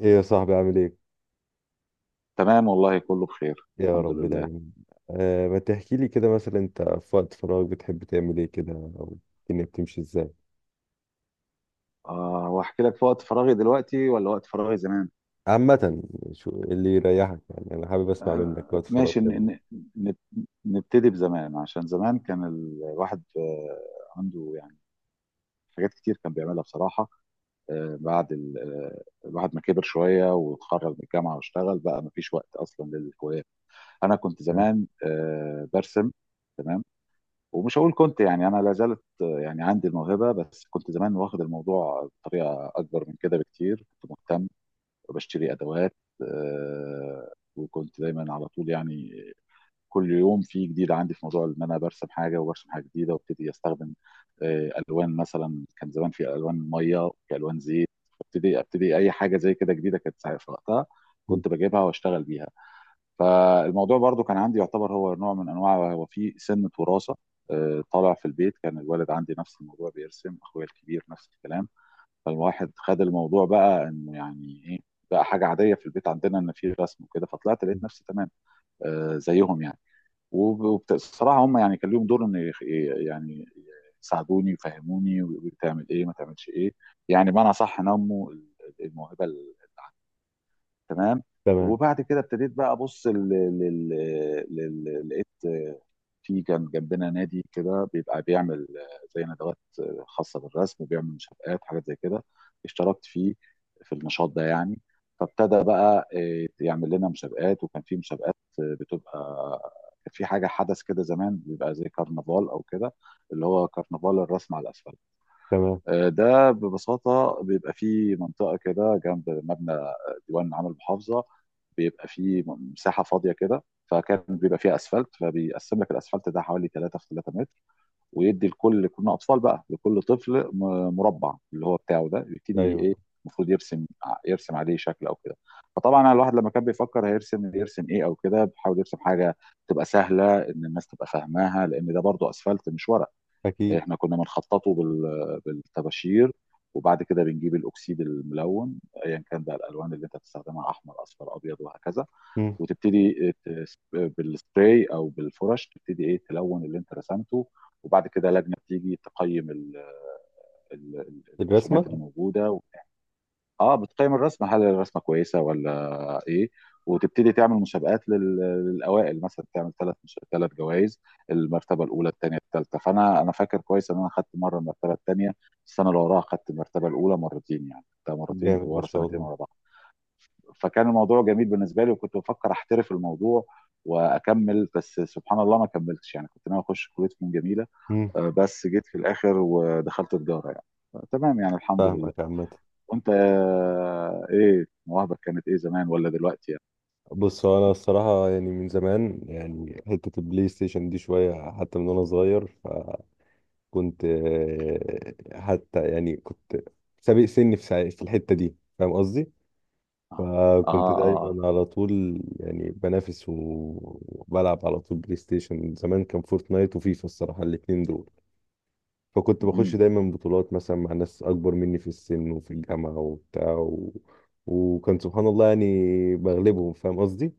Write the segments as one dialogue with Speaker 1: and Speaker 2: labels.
Speaker 1: ايه يا صاحبي عامل ايه؟
Speaker 2: تمام والله كله بخير
Speaker 1: يا
Speaker 2: الحمد
Speaker 1: رب
Speaker 2: لله.
Speaker 1: دايما. ما تحكي لي كده، مثلا انت في وقت فراغ بتحب تعمل ايه كده، او الدنيا بتمشي ازاي؟
Speaker 2: آه واحكي لك في وقت فراغي دلوقتي ولا وقت فراغي زمان؟
Speaker 1: عامة شو اللي يريحك؟ يعني انا حابب اسمع منك،
Speaker 2: آه
Speaker 1: وقت فراغ
Speaker 2: ماشي
Speaker 1: بتعمل إيه.
Speaker 2: ن- نبتدي بزمان، عشان زمان كان الواحد عنده يعني حاجات كتير كان بيعملها بصراحة. بعد الواحد ما كبر شوية واتخرج من الجامعة واشتغل بقى، ما فيش وقت أصلا للهوايات. أنا كنت
Speaker 1: آه.
Speaker 2: زمان برسم. تمام. ومش هقول كنت، يعني انا لا زالت يعني عندي الموهبه، بس كنت زمان واخد الموضوع بطريقه اكبر من كده بكتير، كنت مهتم وبشتري ادوات. وكنت دايما على طول يعني كل يوم في جديد عندي، في موضوع ان انا برسم حاجه وبرسم حاجه جديده وابتدي استخدم الوان، مثلا كان زمان في الوان ميه وفي الوان زيت. ابتدي اي حاجه زي كده جديده كانت في وقتها
Speaker 1: م-
Speaker 2: كنت بجيبها واشتغل بيها. فالموضوع برضو كان عندي، يعتبر هو نوع من انواع، هو في سنه وراثه. طالع في البيت، كان الوالد عندي نفس الموضوع بيرسم، اخويا الكبير نفس الكلام. فالواحد خد الموضوع بقى انه يعني ايه، بقى حاجه عاديه في البيت عندنا ان في رسم وكده، فطلعت
Speaker 1: م.
Speaker 2: لقيت نفسي تمام زيهم يعني. وبصراحه هم يعني كان ليهم دور ان يعني يساعدوني، يفهموني ويقولوا لي تعمل ايه ما تعملش ايه، يعني بمعنى صح نموا الموهبه اللي عندي. تمام.
Speaker 1: تمام
Speaker 2: وبعد كده ابتديت بقى ابص لقيت، في كان جنبنا نادي كده بيبقى بيعمل زي ندوات خاصه بالرسم، بيعمل مسابقات حاجات زي كده. اشتركت فيه في النشاط ده يعني. فابتدى بقى يعمل لنا مسابقات، وكان في مسابقات بتبقى، كان في حاجه حدث كده زمان بيبقى زي كرنفال او كده، اللي هو كرنفال الرسم على الاسفل.
Speaker 1: تمام.
Speaker 2: ده ببساطة بيبقى فيه منطقة كده جنب مبنى ديوان عام المحافظة، بيبقى فيه مساحة فاضية كده، فكان بيبقى فيها اسفلت، فبيقسم لك الاسفلت ده حوالي 3 في 3 متر. ويدي لكل، كنا اطفال بقى، لكل طفل مربع اللي هو بتاعه، ده يبتدي
Speaker 1: ايوه
Speaker 2: ايه، المفروض يرسم يرسم عليه شكل او كده. فطبعا يعني الواحد لما كان بيفكر هيرسم يرسم ايه او كده، بيحاول يرسم حاجه تبقى سهله ان الناس تبقى فاهماها، لان ده برضو اسفلت مش ورق.
Speaker 1: اكيد.
Speaker 2: احنا كنا بنخططه بالطباشير، وبعد كده بنجيب الاكسيد الملون، ايا كان بقى الالوان اللي انت بتستخدمها، احمر اصفر ابيض وهكذا.
Speaker 1: م.
Speaker 2: وتبتدي بالسبراي او بالفرش، تبتدي ايه تلون اللي انت رسمته. وبعد كده لجنه بتيجي تقيم الرسومات اللي
Speaker 1: الرسمة.
Speaker 2: موجوده. اه بتقيم الرسمه، هل الرسمه كويسه ولا ايه، وتبتدي تعمل مسابقات للاوائل، مثلا تعمل ثلاث مش... ثلاث جوائز، المرتبه الاولى الثانيه الثالثه. فانا فاكر كويس ان انا خدت مره المرتبه الثانيه، السنه اللي وراها خدت المرتبه الاولى مرتين، يعني خدتها مرتين
Speaker 1: جامد ما
Speaker 2: ورا،
Speaker 1: شاء
Speaker 2: سنتين
Speaker 1: الله.
Speaker 2: ورا بعض. فكان الموضوع جميل بالنسبه لي، وكنت بفكر احترف الموضوع واكمل، بس سبحان الله ما كملتش، يعني كنت ناوي اخش كليه فنون جميله.
Speaker 1: م.
Speaker 2: بس جيت في الاخر ودخلت تجاره يعني، تمام يعني الحمد لله.
Speaker 1: فاهمك. عامة
Speaker 2: وانت ايه مواهبك، كانت ايه زمان ولا دلوقتي يعني؟
Speaker 1: بص، هو انا الصراحة يعني من زمان، يعني حتة البلاي ستيشن دي شوية حتى، من وانا صغير كنت حتى يعني كنت سابق سني في في الحتة دي، فاهم قصدي؟
Speaker 2: اه.
Speaker 1: فكنت
Speaker 2: اه, آه.
Speaker 1: دايما على طول يعني بنافس وبلعب على طول بلاي ستيشن. زمان كان فورتنايت وفيفا الصراحة، الاتنين دول. فكنت بخش
Speaker 2: مهم.
Speaker 1: دايما بطولات مثلا مع ناس أكبر مني في السن وفي الجامعة وبتاع و... وكان سبحان الله يعني بغلبهم، فاهم قصدي؟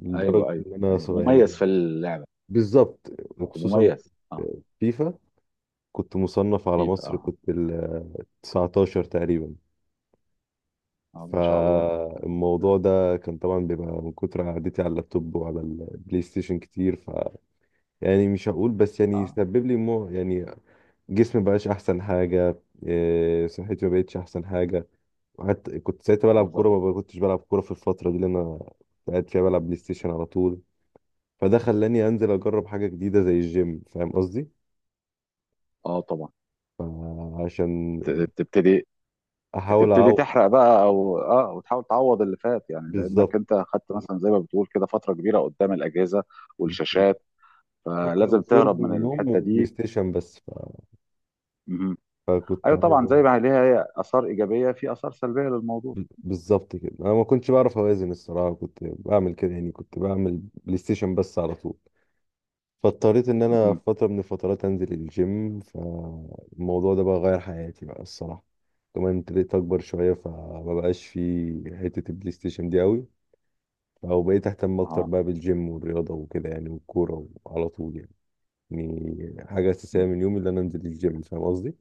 Speaker 1: لدرجة
Speaker 2: ايوه ايوه
Speaker 1: إن أنا
Speaker 2: ايوه مميز
Speaker 1: يعني
Speaker 2: في اللعبه.
Speaker 1: بالظبط.
Speaker 2: كنت
Speaker 1: وخصوصا
Speaker 2: مميز اه.
Speaker 1: فيفا كنت مصنف على
Speaker 2: فيفا
Speaker 1: مصر،
Speaker 2: اه.
Speaker 1: كنت 19 تقريبا.
Speaker 2: اه. ما شاء الله.
Speaker 1: فالموضوع ده كان طبعا بيبقى من كتر قعدتي على اللابتوب وعلى البلاي ستيشن كتير، ف يعني مش هقول بس يعني
Speaker 2: اه،
Speaker 1: سبب لي مو يعني جسمي مبقاش احسن حاجه، إيه، صحتي ما بقتش احسن حاجه. وحتى كنت ساعتها بلعب
Speaker 2: النظر.
Speaker 1: كوره، ما كنتش بلعب كوره في الفتره دي اللي انا قاعد فيها بلعب بلاي ستيشن على طول. فده خلاني انزل اجرب حاجه جديده زي الجيم، فاهم قصدي؟
Speaker 2: اه طبعا.
Speaker 1: عشان
Speaker 2: ت- تبتدي
Speaker 1: احاول
Speaker 2: تبتدي
Speaker 1: اعوض.
Speaker 2: تحرق بقى او وتحاول تعوض اللي فات، يعني لانك
Speaker 1: بالظبط
Speaker 2: انت خدت مثلا زي ما بتقول كده فتره كبيره قدام الاجهزه
Speaker 1: بالظبط.
Speaker 2: والشاشات،
Speaker 1: اكل
Speaker 2: فلازم
Speaker 1: وشرب
Speaker 2: تهرب من
Speaker 1: ونوم
Speaker 2: الحته
Speaker 1: وبلاي
Speaker 2: دي.
Speaker 1: ستيشن بس.
Speaker 2: مهم.
Speaker 1: فكنت
Speaker 2: ايوه طبعا زي
Speaker 1: عايز
Speaker 2: ما ليها هي اثار ايجابيه، في اثار سلبيه للموضوع.
Speaker 1: بالظبط كده. انا ما كنتش بعرف اوازن الصراحه، كنت بعمل كده يعني كنت بعمل بلاي ستيشن بس على طول. فاضطريت ان انا في
Speaker 2: مهم.
Speaker 1: فتره من الفترات انزل الجيم، فالموضوع ده بقى غير حياتي بقى الصراحه. كمان ابتديت اكبر شويه، فما بقاش في حته البلاي ستيشن دي قوي، او بقيت اهتم اكتر
Speaker 2: اه
Speaker 1: بقى بالجيم والرياضه وكده يعني، والكوره على طول يعني. يعني حاجه اساسيه من يومي ان انا انزل الجيم، فاهم قصدي؟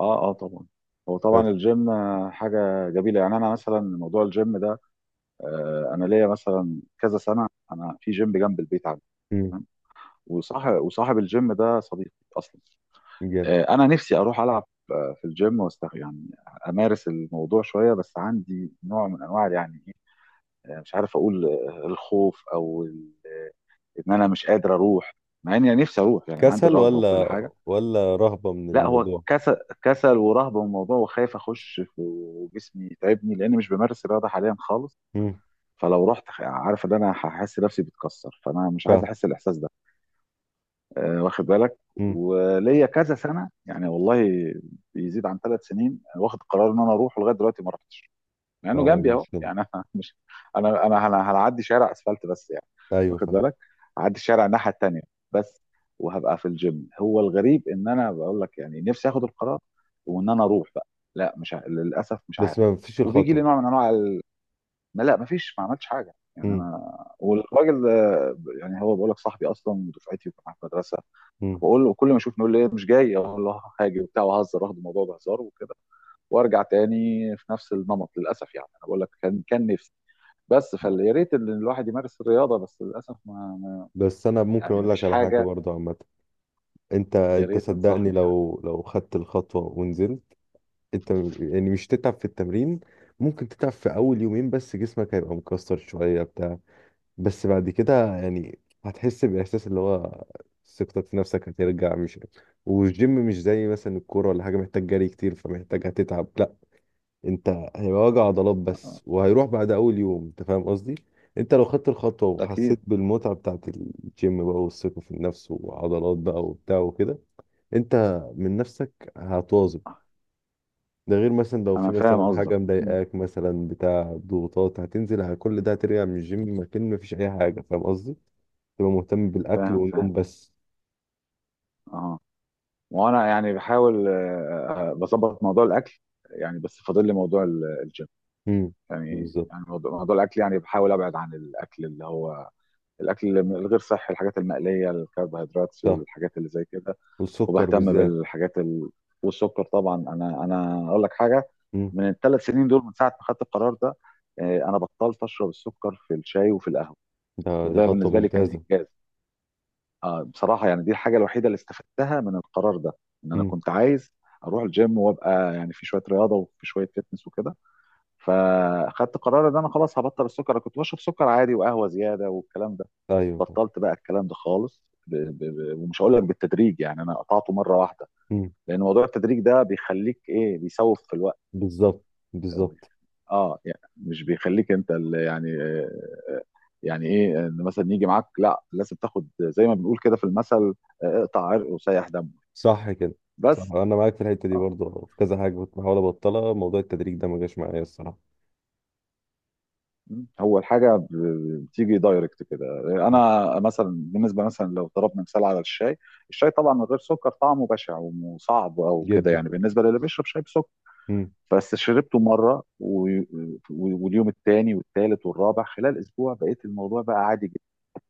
Speaker 2: اه اه طبعا. هو
Speaker 1: بس
Speaker 2: طبعا الجيم حاجه جميله يعني، انا مثلا موضوع الجيم ده، انا ليا مثلا كذا سنه. انا في جيم جنب البيت عندي، تمام. وصاحب الجيم ده صديقي اصلا.
Speaker 1: امم،
Speaker 2: انا نفسي اروح العب في الجيم يعني امارس الموضوع شويه، بس عندي نوع من انواع يعني إيه، آه، مش عارف اقول الخوف او ان انا مش قادر اروح، مع اني نفسي اروح يعني عندي
Speaker 1: كسل
Speaker 2: الرغبه وكل
Speaker 1: ولا
Speaker 2: حاجه.
Speaker 1: ولا رهبة من
Speaker 2: لا هو
Speaker 1: الموضوع؟
Speaker 2: كسل، كسل ورهبه من الموضوع، وخايف اخش في، وجسمي يتعبني لان مش بمارس الرياضه حاليا خالص.
Speaker 1: امم.
Speaker 2: فلو رحت عارف ان انا هحس نفسي بتكسر، فانا مش عايز
Speaker 1: فاهم.
Speaker 2: احس الاحساس ده. واخد بالك.
Speaker 1: امم.
Speaker 2: وليا كذا سنه يعني والله، بيزيد عن 3 سنين واخد قرار ان انا اروح، ولغايه دلوقتي ما رحتش، مع انه
Speaker 1: اه دي
Speaker 2: جنبي اهو
Speaker 1: مشكلة.
Speaker 2: يعني انا مش، انا انا أنا هنعدي شارع اسفلت بس يعني.
Speaker 1: ايوه
Speaker 2: واخد
Speaker 1: فاهم.
Speaker 2: بالك، هعدي الشارع الناحيه التانيه بس، وهبقى في الجيم. هو الغريب ان انا بقول لك يعني نفسي اخد القرار وان انا اروح بقى، لا مش للاسف مش
Speaker 1: بس
Speaker 2: عارف.
Speaker 1: ما فيش
Speaker 2: وبيجي لي
Speaker 1: الخطوة.
Speaker 2: نوع من انواع ما لا ما فيش، ما عملتش حاجه يعني
Speaker 1: امم.
Speaker 2: انا والراجل ده، يعني هو بقول لك صاحبي اصلا ودفعتي وكان معايا في المدرسه.
Speaker 1: امم.
Speaker 2: بقول له كل ما اشوفه يقول لي إيه، مش جاي، اقول له آه، هاجي وبتاع وهزر، واخد الموضوع بهزار وكده وارجع تاني في نفس النمط، للاسف. يعني انا بقول لك كان نفسي بس، فيا ريت ان الواحد يمارس الرياضه، بس للاسف
Speaker 1: بس انا ممكن
Speaker 2: يعني ما
Speaker 1: اقول لك
Speaker 2: فيش
Speaker 1: على حاجة
Speaker 2: حاجه.
Speaker 1: برضه. عامة انت،
Speaker 2: يا
Speaker 1: انت
Speaker 2: ريت
Speaker 1: صدقني،
Speaker 2: تنصحني في حاجه.
Speaker 1: لو لو خدت الخطوة ونزلت، يعني مش تتعب في التمرين. ممكن تتعب في اول يومين، بس جسمك هيبقى مكسر شوية، بس بعد كده يعني هتحس بإحساس اللي هو ثقتك في نفسك هترجع، مش. والجيم مش زي مثلا الكورة ولا حاجة، محتاج جري كتير فمحتاج هتتعب، لا. انت هيبقى وجع عضلات
Speaker 2: آه،
Speaker 1: بس، وهيروح بعد أول يوم، انت فاهم قصدي؟ انت لو خدت الخطوة
Speaker 2: اكيد.
Speaker 1: وحسيت بالمتعة بتاعت الجيم بقى، والثقة في النفس وعضلات بقى وبتاع وكده، انت من نفسك هتواظب. ده غير مثلا لو في
Speaker 2: انا
Speaker 1: مثلا
Speaker 2: فاهم قصدك.
Speaker 1: حاجة
Speaker 2: مم.
Speaker 1: مضايقاك مثلا بتاع ضغوطات، هتنزل على كل ده، هترجع من الجيم مكان مفيش أي حاجة، فاهم قصدي؟ تبقى مهتم بالاكل
Speaker 2: فاهم فاهم
Speaker 1: والنوم بس.
Speaker 2: اه. وانا يعني بحاول بظبط موضوع الاكل يعني، بس فاضل لي موضوع الجيم
Speaker 1: امم،
Speaker 2: يعني،
Speaker 1: بالظبط.
Speaker 2: يعني موضوع الاكل يعني بحاول ابعد عن الاكل اللي هو الاكل الغير صحي، الحاجات المقليه، الكربوهيدرات،
Speaker 1: صح،
Speaker 2: والحاجات اللي زي كده.
Speaker 1: والسكر
Speaker 2: وبهتم
Speaker 1: بالذات.
Speaker 2: بالحاجات والسكر طبعا، انا اقول لك حاجه.
Speaker 1: امم.
Speaker 2: من الثلاث سنين دول، من ساعه ما خدت القرار ده، انا بطلت اشرب السكر في الشاي وفي القهوه،
Speaker 1: ده دي
Speaker 2: وده
Speaker 1: خطوه
Speaker 2: بالنسبه لي
Speaker 1: ممتازه.
Speaker 2: كان انجاز. بصراحه يعني دي الحاجه الوحيده اللي استفدتها من القرار ده، ان انا
Speaker 1: امم.
Speaker 2: كنت عايز اروح الجيم وابقى يعني في شويه رياضه وفي شويه فتنس وكده، فاخدت قرار ان انا خلاص هبطل السكر. انا كنت بشرب سكر عادي وقهوه زياده والكلام ده،
Speaker 1: ايوه.
Speaker 2: بطلت بقى الكلام ده خالص ومش هقول لك بالتدريج، يعني انا قطعته مره واحده،
Speaker 1: امم.
Speaker 2: لان موضوع التدريج ده بيخليك ايه، بيسوف في الوقت.
Speaker 1: بالظبط بالظبط.
Speaker 2: اه يعني مش بيخليك انت اللي يعني آه، يعني ايه، ان مثلا يجي معاك، لا لازم تاخد زي ما بنقول كده في المثل، اقطع عرق وسيح دمه
Speaker 1: صح كده. صح
Speaker 2: بس.
Speaker 1: انا معاك في الحته دي،
Speaker 2: آه.
Speaker 1: برضه في كذا حاجه كنت بحاول ابطلها، موضوع التدريج ده ما جاش معايا الصراحه.
Speaker 2: م. هو الحاجه بتيجي دايركت كده.
Speaker 1: صح.
Speaker 2: انا مثلا بالنسبه، مثلا لو ضربنا مثال على الشاي، الشاي طبعا من غير سكر طعمه بشع وصعب او كده،
Speaker 1: جدا.
Speaker 2: يعني بالنسبه للي بيشرب شاي بسكر.
Speaker 1: امم.
Speaker 2: بس شربته مره واليوم الثاني والثالث والرابع خلال اسبوع بقيت الموضوع بقى عادي جدا.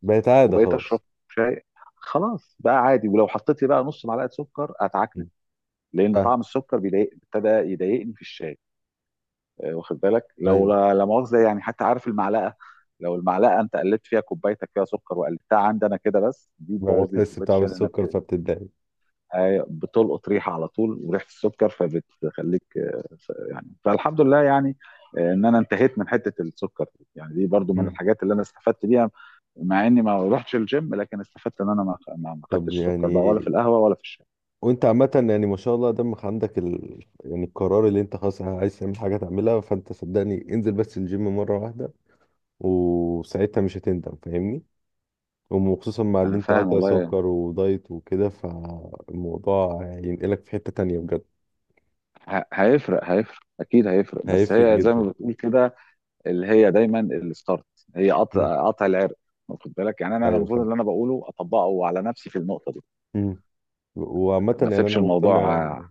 Speaker 1: بقت عاده
Speaker 2: وبقيت اشرب
Speaker 1: خلاص.
Speaker 2: شاي، خلاص بقى عادي، ولو حطيت لي بقى نص معلقه سكر اتعكنن،
Speaker 1: امم.
Speaker 2: لان
Speaker 1: آه.
Speaker 2: طعم السكر ابتدى يضايقني في الشاي. واخد بالك. لو،
Speaker 1: ايوه
Speaker 2: لا لا مؤاخذه يعني، حتى عارف المعلقه، لو المعلقه انت قلبت فيها كوبايتك فيها سكر وقلبتها عندي انا كده، بس دي
Speaker 1: بقى
Speaker 2: بتبوظ لي
Speaker 1: بتحس
Speaker 2: كوبايه
Speaker 1: بطعم
Speaker 2: الشاي لانها
Speaker 1: السكر فبتتضايق.
Speaker 2: أيوة، بتلقط ريحه على طول، وريحه السكر فبتخليك يعني فالحمد لله يعني ان انا انتهيت من حته السكر دي. يعني دي برضو من
Speaker 1: امم.
Speaker 2: الحاجات اللي انا استفدت بيها، مع اني ما رحتش الجيم، لكن استفدت ان انا ما
Speaker 1: طب
Speaker 2: خدتش سكر
Speaker 1: يعني
Speaker 2: بقى ولا في القهوه ولا في الشاي.
Speaker 1: وانت عامة يعني ما شاء الله دمك عندك ال... يعني القرار اللي انت خلاص عايز تعمل حاجة تعملها، فانت صدقني انزل بس الجيم مرة واحدة، وساعتها مش هتندم، فاهمني؟ وخصوصا مع اللي
Speaker 2: انا
Speaker 1: انت
Speaker 2: فاهم
Speaker 1: قاطع
Speaker 2: والله.
Speaker 1: سكر ودايت وكده، فالموضوع هينقلك في حتة تانية بجد.
Speaker 2: هيفرق اكيد هيفرق، بس
Speaker 1: هيفرق
Speaker 2: هي زي
Speaker 1: جدا.
Speaker 2: ما بتقول كده، اللي هي دايما الستارت، هي
Speaker 1: مم.
Speaker 2: قطع قطع العرق. واخد بالك، يعني انا
Speaker 1: ايوه
Speaker 2: المفروض
Speaker 1: فاهم.
Speaker 2: اللي انا بقوله اطبقه على نفسي في النقطه دي،
Speaker 1: مم. وعامة
Speaker 2: ما
Speaker 1: يعني انا
Speaker 2: اسيبش الموضوع
Speaker 1: مقتنع،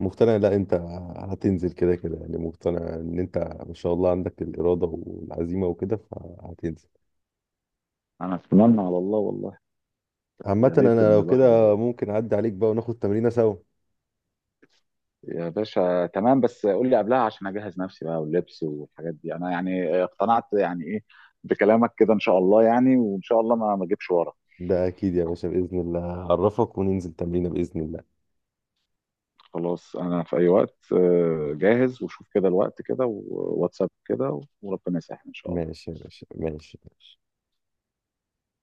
Speaker 1: مقتنع. لا انت هتنزل كده كده، يعني مقتنع ان انت ما شاء الله عندك الإرادة والعزيمة وكده، فهتنزل.
Speaker 2: انا اتمنى على الله والله.
Speaker 1: عامة
Speaker 2: يا ريت
Speaker 1: انا
Speaker 2: ان
Speaker 1: لو
Speaker 2: الواحد
Speaker 1: كده ممكن اعدي عليك بقى وناخد تمرينة سوا.
Speaker 2: يا باشا تمام، بس قول لي قبلها عشان اجهز نفسي بقى، واللبس والحاجات دي، انا يعني اقتنعت يعني ايه بكلامك كده ان شاء الله، يعني وان شاء الله ما ما اجيبش ورا.
Speaker 1: ده اكيد يا باشا، بإذن الله هعرفك وننزل تمرينة بإذن الله.
Speaker 2: خلاص انا في اي وقت جاهز، وشوف كده الوقت كده وواتساب كده، وربنا يسهل ان شاء الله.
Speaker 1: ماشي يا باشا ماشي.